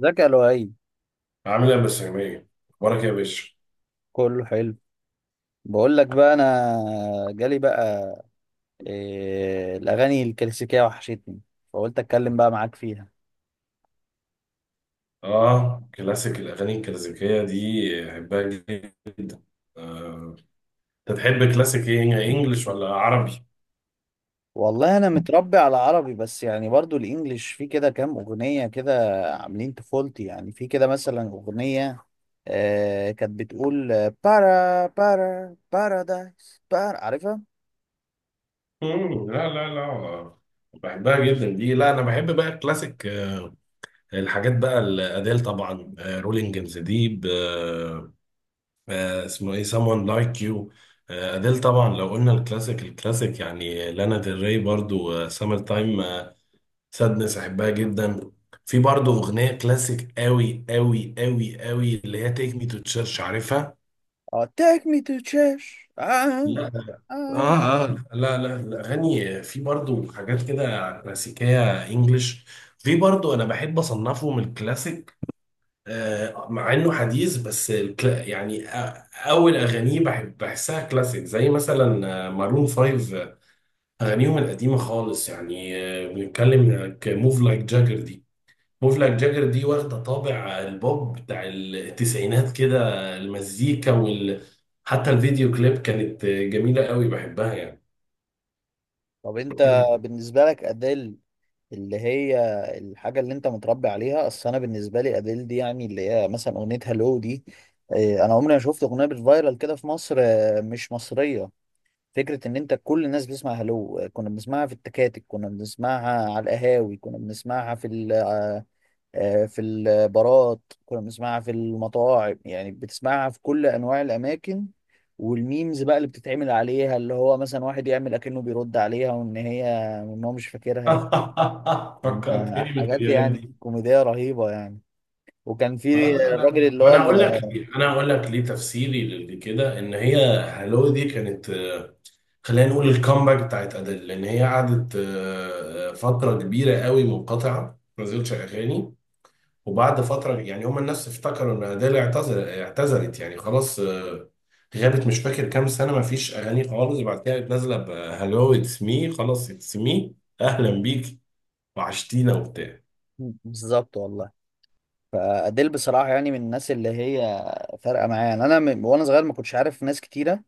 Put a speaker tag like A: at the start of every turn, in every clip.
A: ذكاء لؤي.
B: عامل ايه يا مستر جميل؟ اخبارك إيه يا باشا؟
A: كله حلو. بقول لك بقى، انا جالي بقى إيه؟ الاغاني الكلاسيكيه وحشتني، فقلت اتكلم بقى معاك فيها.
B: اه كلاسيك، الاغاني الكلاسيكيه دي بحبها جدا آه. انت تحب كلاسيك ايه، انجلش ولا عربي؟
A: والله انا متربي على عربي، بس يعني برضو الانجليش في كده كام اغنيه كده عاملين طفولتي، يعني في كده مثلا اغنيه كانت بتقول بارا بارا بارادايس بارا، عارفها؟
B: مم. لا لا لا آه، بحبها جدا دي. لا انا بحب بقى الكلاسيك، الحاجات بقى الاديل، طبعا رولينج ان ذا ديب، اسمه ايه someone like you. آه، أديل طبعا. لو قلنا الكلاسيك الكلاسيك يعني لانا ديل ري، برضو سامر تايم سادنس احبها جدا. في برضه اغنيه كلاسيك قوي قوي قوي قوي اللي هي تيك مي تو تشيرش، عارفها؟
A: اه، take me to church. آه.
B: لا.
A: آه.
B: اه اه لا لا، الاغاني في برضه حاجات كده كلاسيكيه انجلش. في برضه انا بحب اصنفه من الكلاسيك مع انه حديث، بس الكلا يعني اول اغانيه بحب بحسها كلاسيك زي مثلا مارون 5، اغانيهم القديمه خالص يعني. بنتكلم موف لايك جاجر دي، مفلك جاجر دي واخدة طابع البوب بتاع التسعينات كده، المزيكا وال حتى الفيديو كليب كانت جميلة قوي، بحبها يعني.
A: طب، انت بالنسبه لك اديل اللي هي الحاجة اللي انت متربي عليها. اصل انا بالنسبة لي اديل دي يعني اللي هي مثلا اغنية هالو دي. انا عمري ما شفت اغنية بالفايرال كده في مصر، مش مصرية. فكرة ان انت كل الناس بتسمع هالو. كنا بنسمعها في التكاتك، كنا بنسمعها على القهاوي، كنا بنسمعها في ال آه، في البارات، كنا بنسمعها في المطاعم، يعني بتسمعها في كل انواع الاماكن. والميمز بقى اللي بتتعمل عليها، اللي هو مثلا واحد يعمل اكنه بيرد عليها وان هي وان هو مش فاكرها.
B: فكرتني
A: كان حاجات
B: بالفيديوهات دي.
A: يعني كوميدية رهيبة يعني. وكان في
B: لا لا
A: الراجل
B: لا.
A: اللي هو
B: انا هقول لك ليه، انا هقول لك ليه. تفسيري لكده ان هي هالو دي كانت خلينا نقول الكامباك بتاعت ادل، لان هي قعدت فترة كبيرة قوي منقطعة ما نزلتش اغاني. وبعد فترة يعني هما الناس افتكروا ان أديل اعتذر، اعتذرت يعني خلاص غابت، مش فاكر كام سنة ما فيش أغاني خالص. بعد كده قامت نازلة بهلو اتس مي، خلاص اتس مي، أهلا بيك وعشتينا وبتاع.
A: بالظبط والله. فأديل بصراحة يعني من الناس اللي هي فارقة معايا. يعني أنا من وأنا صغير ما كنتش عارف ناس كتيرة،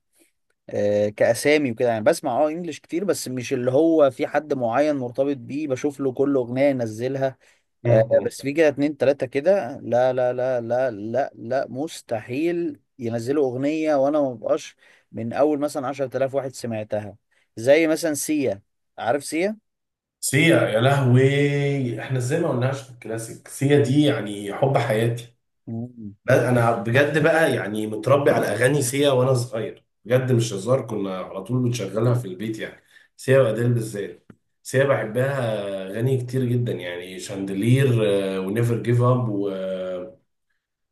A: كأسامي وكده، يعني بسمع إنجلش كتير، بس مش اللي هو في حد معين مرتبط بيه بشوف له كل أغنية ينزلها.
B: مم.
A: بس في كده اتنين تلاتة كده، لا لا لا لا لا لا، مستحيل ينزلوا أغنية وأنا ما ببقاش من أول مثلا 10,000 واحد سمعتها. زي مثلا سيا. عارف سيا؟
B: سيا يا لهوي، احنا ازاي ما قلناش في الكلاسيك سيا دي؟ يعني حب حياتي.
A: مم.
B: بس انا بجد بقى يعني متربي على اغاني سيا وانا صغير، بجد مش هزار. كنا على طول بنشغلها في البيت يعني، سيا واديل بالذات. سيا بحبها اغاني كتير جدا، يعني شاندلير ونيفر جيف اب و...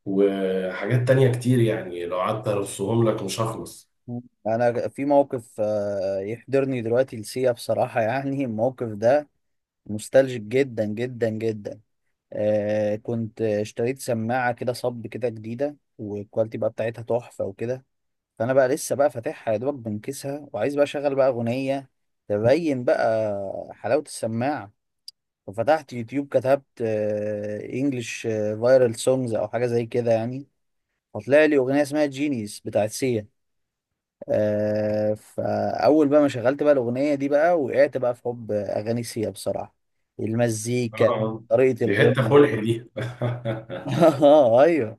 B: وحاجات تانية كتير يعني، لو قعدت ارصهم لك مش هخلص.
A: مم. أنا في موقف يحضرني دلوقتي لسيا بصراحة. يعني الموقف ده مستلجك جدا جدا جدا. كنت اشتريت سماعة كده صب كده جديدة، والكواليتي بقى بتاعتها تحفة وكده. فانا بقى لسه بقى فاتحها يا دوبك، بنكسها وعايز بقى اشغل بقى اغنيه تبين بقى حلاوه السماعه. ففتحت يوتيوب، كتبت انجلش فايرال سونجز او حاجه زي كده يعني. فطلع لي اغنيه اسمها جينيس بتاعت سيا. فاول بقى ما شغلت بقى الاغنيه دي بقى، وقعت بقى في حب اغاني سيا بصراحه. المزيكا،
B: اه،
A: طريقه
B: دي حتة
A: الغنى.
B: خلق دي.
A: اه، ايوه.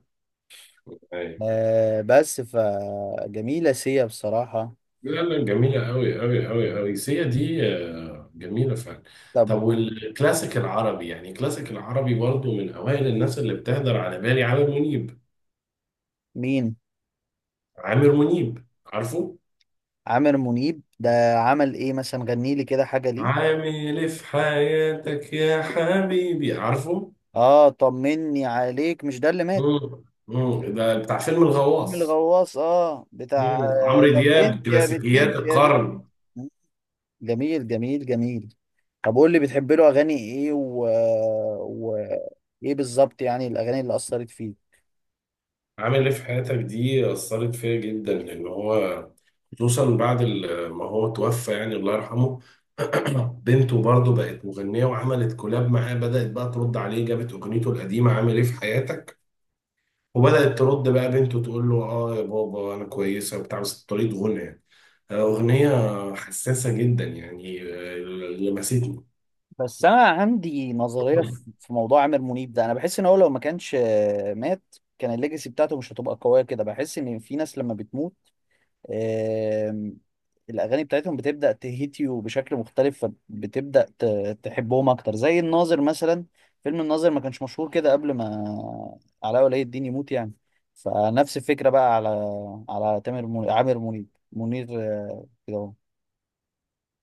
B: أيوة.
A: بس فجميله سيا بصراحه.
B: لا لا، جميلة أوي أوي أوي أوي سيا دي، آه، جميلة فعلا.
A: طب،
B: طب والكلاسيك العربي، يعني الكلاسيك العربي برضو من أوائل الناس اللي بتهدر على بالي عامر منيب.
A: مين؟
B: عامر منيب، عارفه؟
A: عامر منيب ده عمل ايه مثلا؟ غني لي كده حاجه ليه.
B: عامل إيه في حياتك يا حبيبي، عارفه؟
A: اه، طمني عليك. مش ده اللي مات؟
B: مم. مم. ده بتاع فيلم
A: فيلم
B: الغواص.
A: الغواص، بتاع.
B: مم. عمرو
A: طب،
B: دياب،
A: انت يا بت
B: كلاسيكيات
A: انت يا بت
B: القرن.
A: انت. جميل جميل جميل. طب، قول لي بتحب له اغاني ايه و... ايه بالظبط يعني الاغاني اللي اثرت فيه؟
B: عامل ايه في حياتك دي أثرت فيا جدا، لأن هو خصوصا بعد ما هو توفى يعني، الله يرحمه. بنته برضه بقت مغنية وعملت كولاب معاه، بدأت بقى ترد عليه، جابت أغنيته القديمة عامل ايه في حياتك وبدأت ترد بقى بنته تقول له اه يا بابا أنا كويسة وبتاع، بس بطريقة غنى يعني. أغنية حساسة جدا يعني، لمستني.
A: بس انا عندي نظريه في موضوع عامر منيب ده. انا بحس ان هو لو ما كانش مات، كان الليجاسي بتاعته مش هتبقى قويه كده. بحس ان في ناس لما بتموت، آم، الأغاني بتاعتهم بتبدأ تهيت يو بشكل مختلف، فبتبدأ تحبهم أكتر، زي الناظر مثلا. فيلم الناظر ما كانش مشهور كده قبل ما علاء ولي الدين يموت يعني. فنفس الفكرة بقى على تامر منير عامر منيب منير، كده أهو.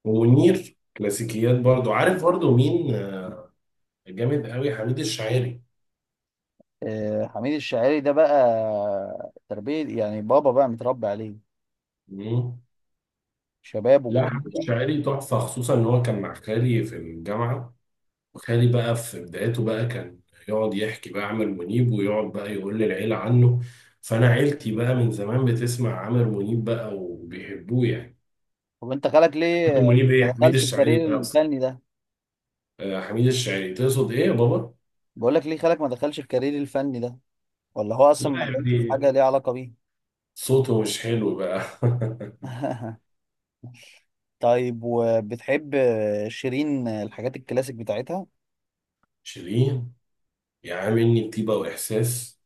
B: ومنير كلاسيكيات برضه، عارف برضه مين جامد قوي؟ حميد الشاعري.
A: حميد الشاعري ده بقى تربية، يعني بابا بقى متربي عليه
B: مم.
A: شباب
B: لا،
A: وكل
B: حمدي
A: بقى.
B: شاعري تحفة، خصوصا إن هو كان مع خالي في الجامعة. وخالي بقى في بدايته بقى كان يقعد يحكي بقى عامر منيب، ويقعد بقى يقول للعيلة عنه، فأنا عيلتي بقى من زمان بتسمع عامر منيب بقى وبيحبوه يعني.
A: طب، انت خالك ليه
B: عامر منيب
A: ما
B: إيه، حميد
A: دخلش
B: الشاعري
A: الكارير
B: ده أصلا.
A: الفني ده؟
B: حميد الشاعري، تقصد إيه يا بابا؟
A: بقول لك ليه خالك ما دخلش الكارير الفني ده؟ ولا هو اصلا
B: لا
A: ما كانش في
B: يعني
A: حاجه ليها علاقه بيه؟
B: صوته مش حلو بقى.
A: طيب، وبتحب شيرين الحاجات الكلاسيك بتاعتها؟
B: شيرين، يا عم، إني طيبة وإحساس،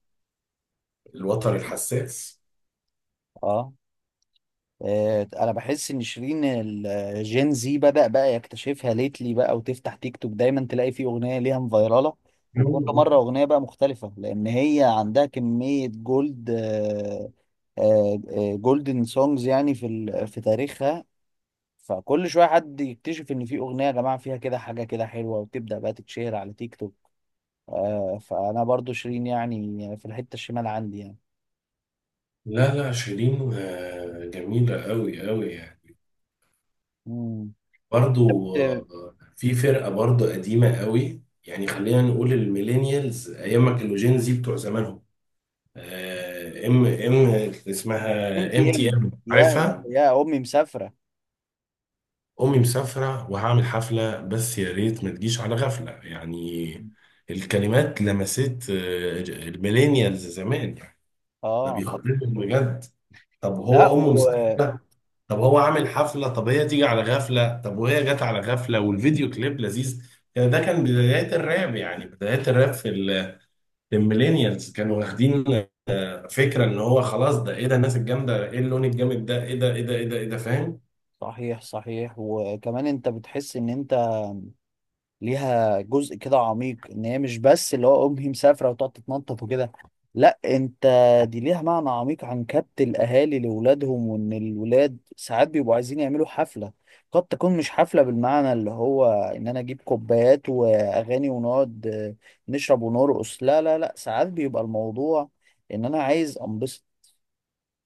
B: الوتر الحساس.
A: اه. انا بحس ان شيرين الجين زي بدأ بقى يكتشفها ليتلي بقى، وتفتح تيك توك دايما تلاقي فيه اغنيه ليها مفيراله. وكل مره اغنيه بقى مختلفه، لان هي عندها كميه جولدن سونجز يعني في في تاريخها. فكل شويه حد يكتشف ان في اغنيه يا جماعه فيها كده حاجه كده حلوه، وتبدأ بقى تتشهر على تيك توك. فانا برضو شيرين يعني في الحته الشمال عندي يعني.
B: لا لا، شيرين آه، جميلة أوي أوي يعني.
A: امم
B: برضو في فرقة برضو قديمة قوي، يعني خلينا نقول الميلينيالز أيام ما كانوا جين زي بتوع زمانهم، ام ام،
A: ام
B: اسمها
A: تي
B: ام تي
A: ام،
B: ام،
A: يا يا
B: عارفها؟
A: يا امي مسافره.
B: أمي مسافرة وهعمل حفلة بس يا ريت ما تجيش على غفلة، يعني الكلمات لمست الميلينيالز زمان يعني، ده
A: اه،
B: بيخاطبهم بجد. طب
A: لا.
B: هو أمه مسافرة، طب هو عامل حفلة، طب هي تيجي على غفلة، طب وهي جت على غفلة والفيديو كليب لذيذ يعني. ده كان بدايات الراب، يعني بدايات الراب في الميلينيالز، كانوا واخدين فكرة ان هو خلاص ده ايه ده، الناس الجامدة ايه، اللون الجامد ده ايه ده ايه ده ايه ده ايه ده، فاهم؟
A: صحيح، صحيح. وكمان انت بتحس ان انت ليها جزء كده عميق، ان هي مش بس اللي هو امي مسافره وتقعد تتنطط وكده. لا، انت دي ليها معنى عميق عن كبت الاهالي لاولادهم، وان الولاد ساعات بيبقوا عايزين يعملوا حفله. قد تكون مش حفله بالمعنى اللي هو ان انا اجيب كوبايات واغاني ونقعد نشرب ونرقص. لا لا لا، ساعات بيبقى الموضوع ان انا عايز انبسط،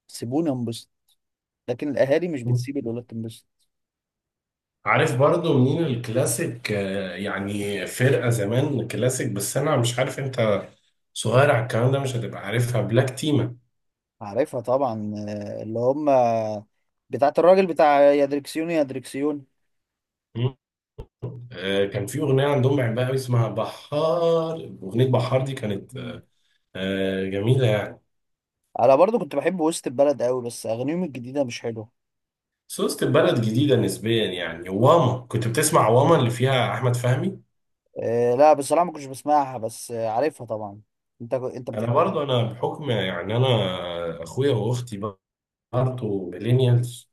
A: سيبوني انبسط. لكن الاهالي مش بتسيب الولاد تنبسط.
B: عارف برضو منين الكلاسيك، يعني فرقة زمان كلاسيك؟ بس انا مش عارف، انت صغير على الكلام ده مش هتبقى عارفها، بلاك تيما.
A: عارفها طبعا. اللي هم بتاعت الراجل بتاع يا دركسيون يا دركسيون.
B: مم. آه، كان في اغنية عندهم بحبها قوي اسمها بحار. اغنية بحار دي كانت
A: مم.
B: آه جميلة يعني.
A: انا برضو كنت بحب وسط البلد قوي، بس اغانيهم الجديده مش حلوه.
B: بس وسط البلد جديدة نسبيا يعني، واما كنت بتسمع واما اللي فيها أحمد فهمي.
A: أه، لا، بصراحه ما كنتش بسمعها، بس عارفها طبعا. انت بتحب.
B: أنا برضو أنا بحكم يعني، أنا أخويا وأختي برضو ميلينيالز،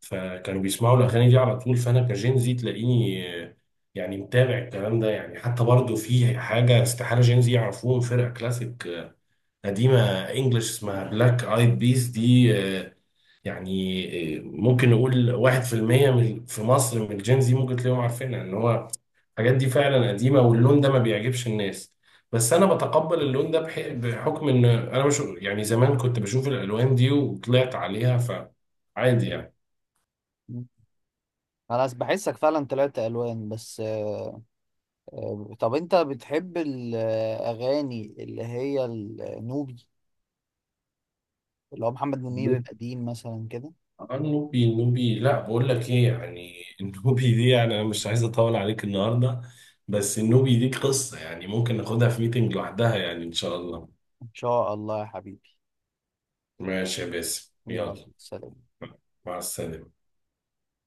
B: فكانوا بيسمعوا الأغاني دي على طول، فأنا كجين زي تلاقيني يعني متابع الكلام ده يعني. حتى برضو في حاجة استحالة جين زي يعرفوهم، فرقة كلاسيك قديمة انجلش اسمها بلاك ايد بيس دي، آه، يعني ممكن نقول واحد في المية من في مصر من الجين زي ممكن تلاقيهم عارفينها. ان هو الحاجات دي فعلا قديمة واللون ده ما بيعجبش الناس، بس انا بتقبل اللون ده بحكم ان انا مش يعني زمان كنت بشوف الالوان دي وطلعت عليها فعادي يعني.
A: انا بحسك فعلا طلعت الوان بس أه. طب، انت بتحب الاغاني اللي هي النوبي، اللي هو محمد منير القديم مثلا كده؟
B: آه، النوبي، النوبي لا بقول لك ايه يعني. النوبي دي يعني انا مش عايز اطول عليك النهارده، بس النوبي دي قصة يعني ممكن ناخدها في ميتنج لوحدها يعني، ان شاء الله.
A: ان شاء الله يا حبيبي.
B: ماشي يا باسم،
A: يلا،
B: يلا.
A: سلام.
B: مع السلامة.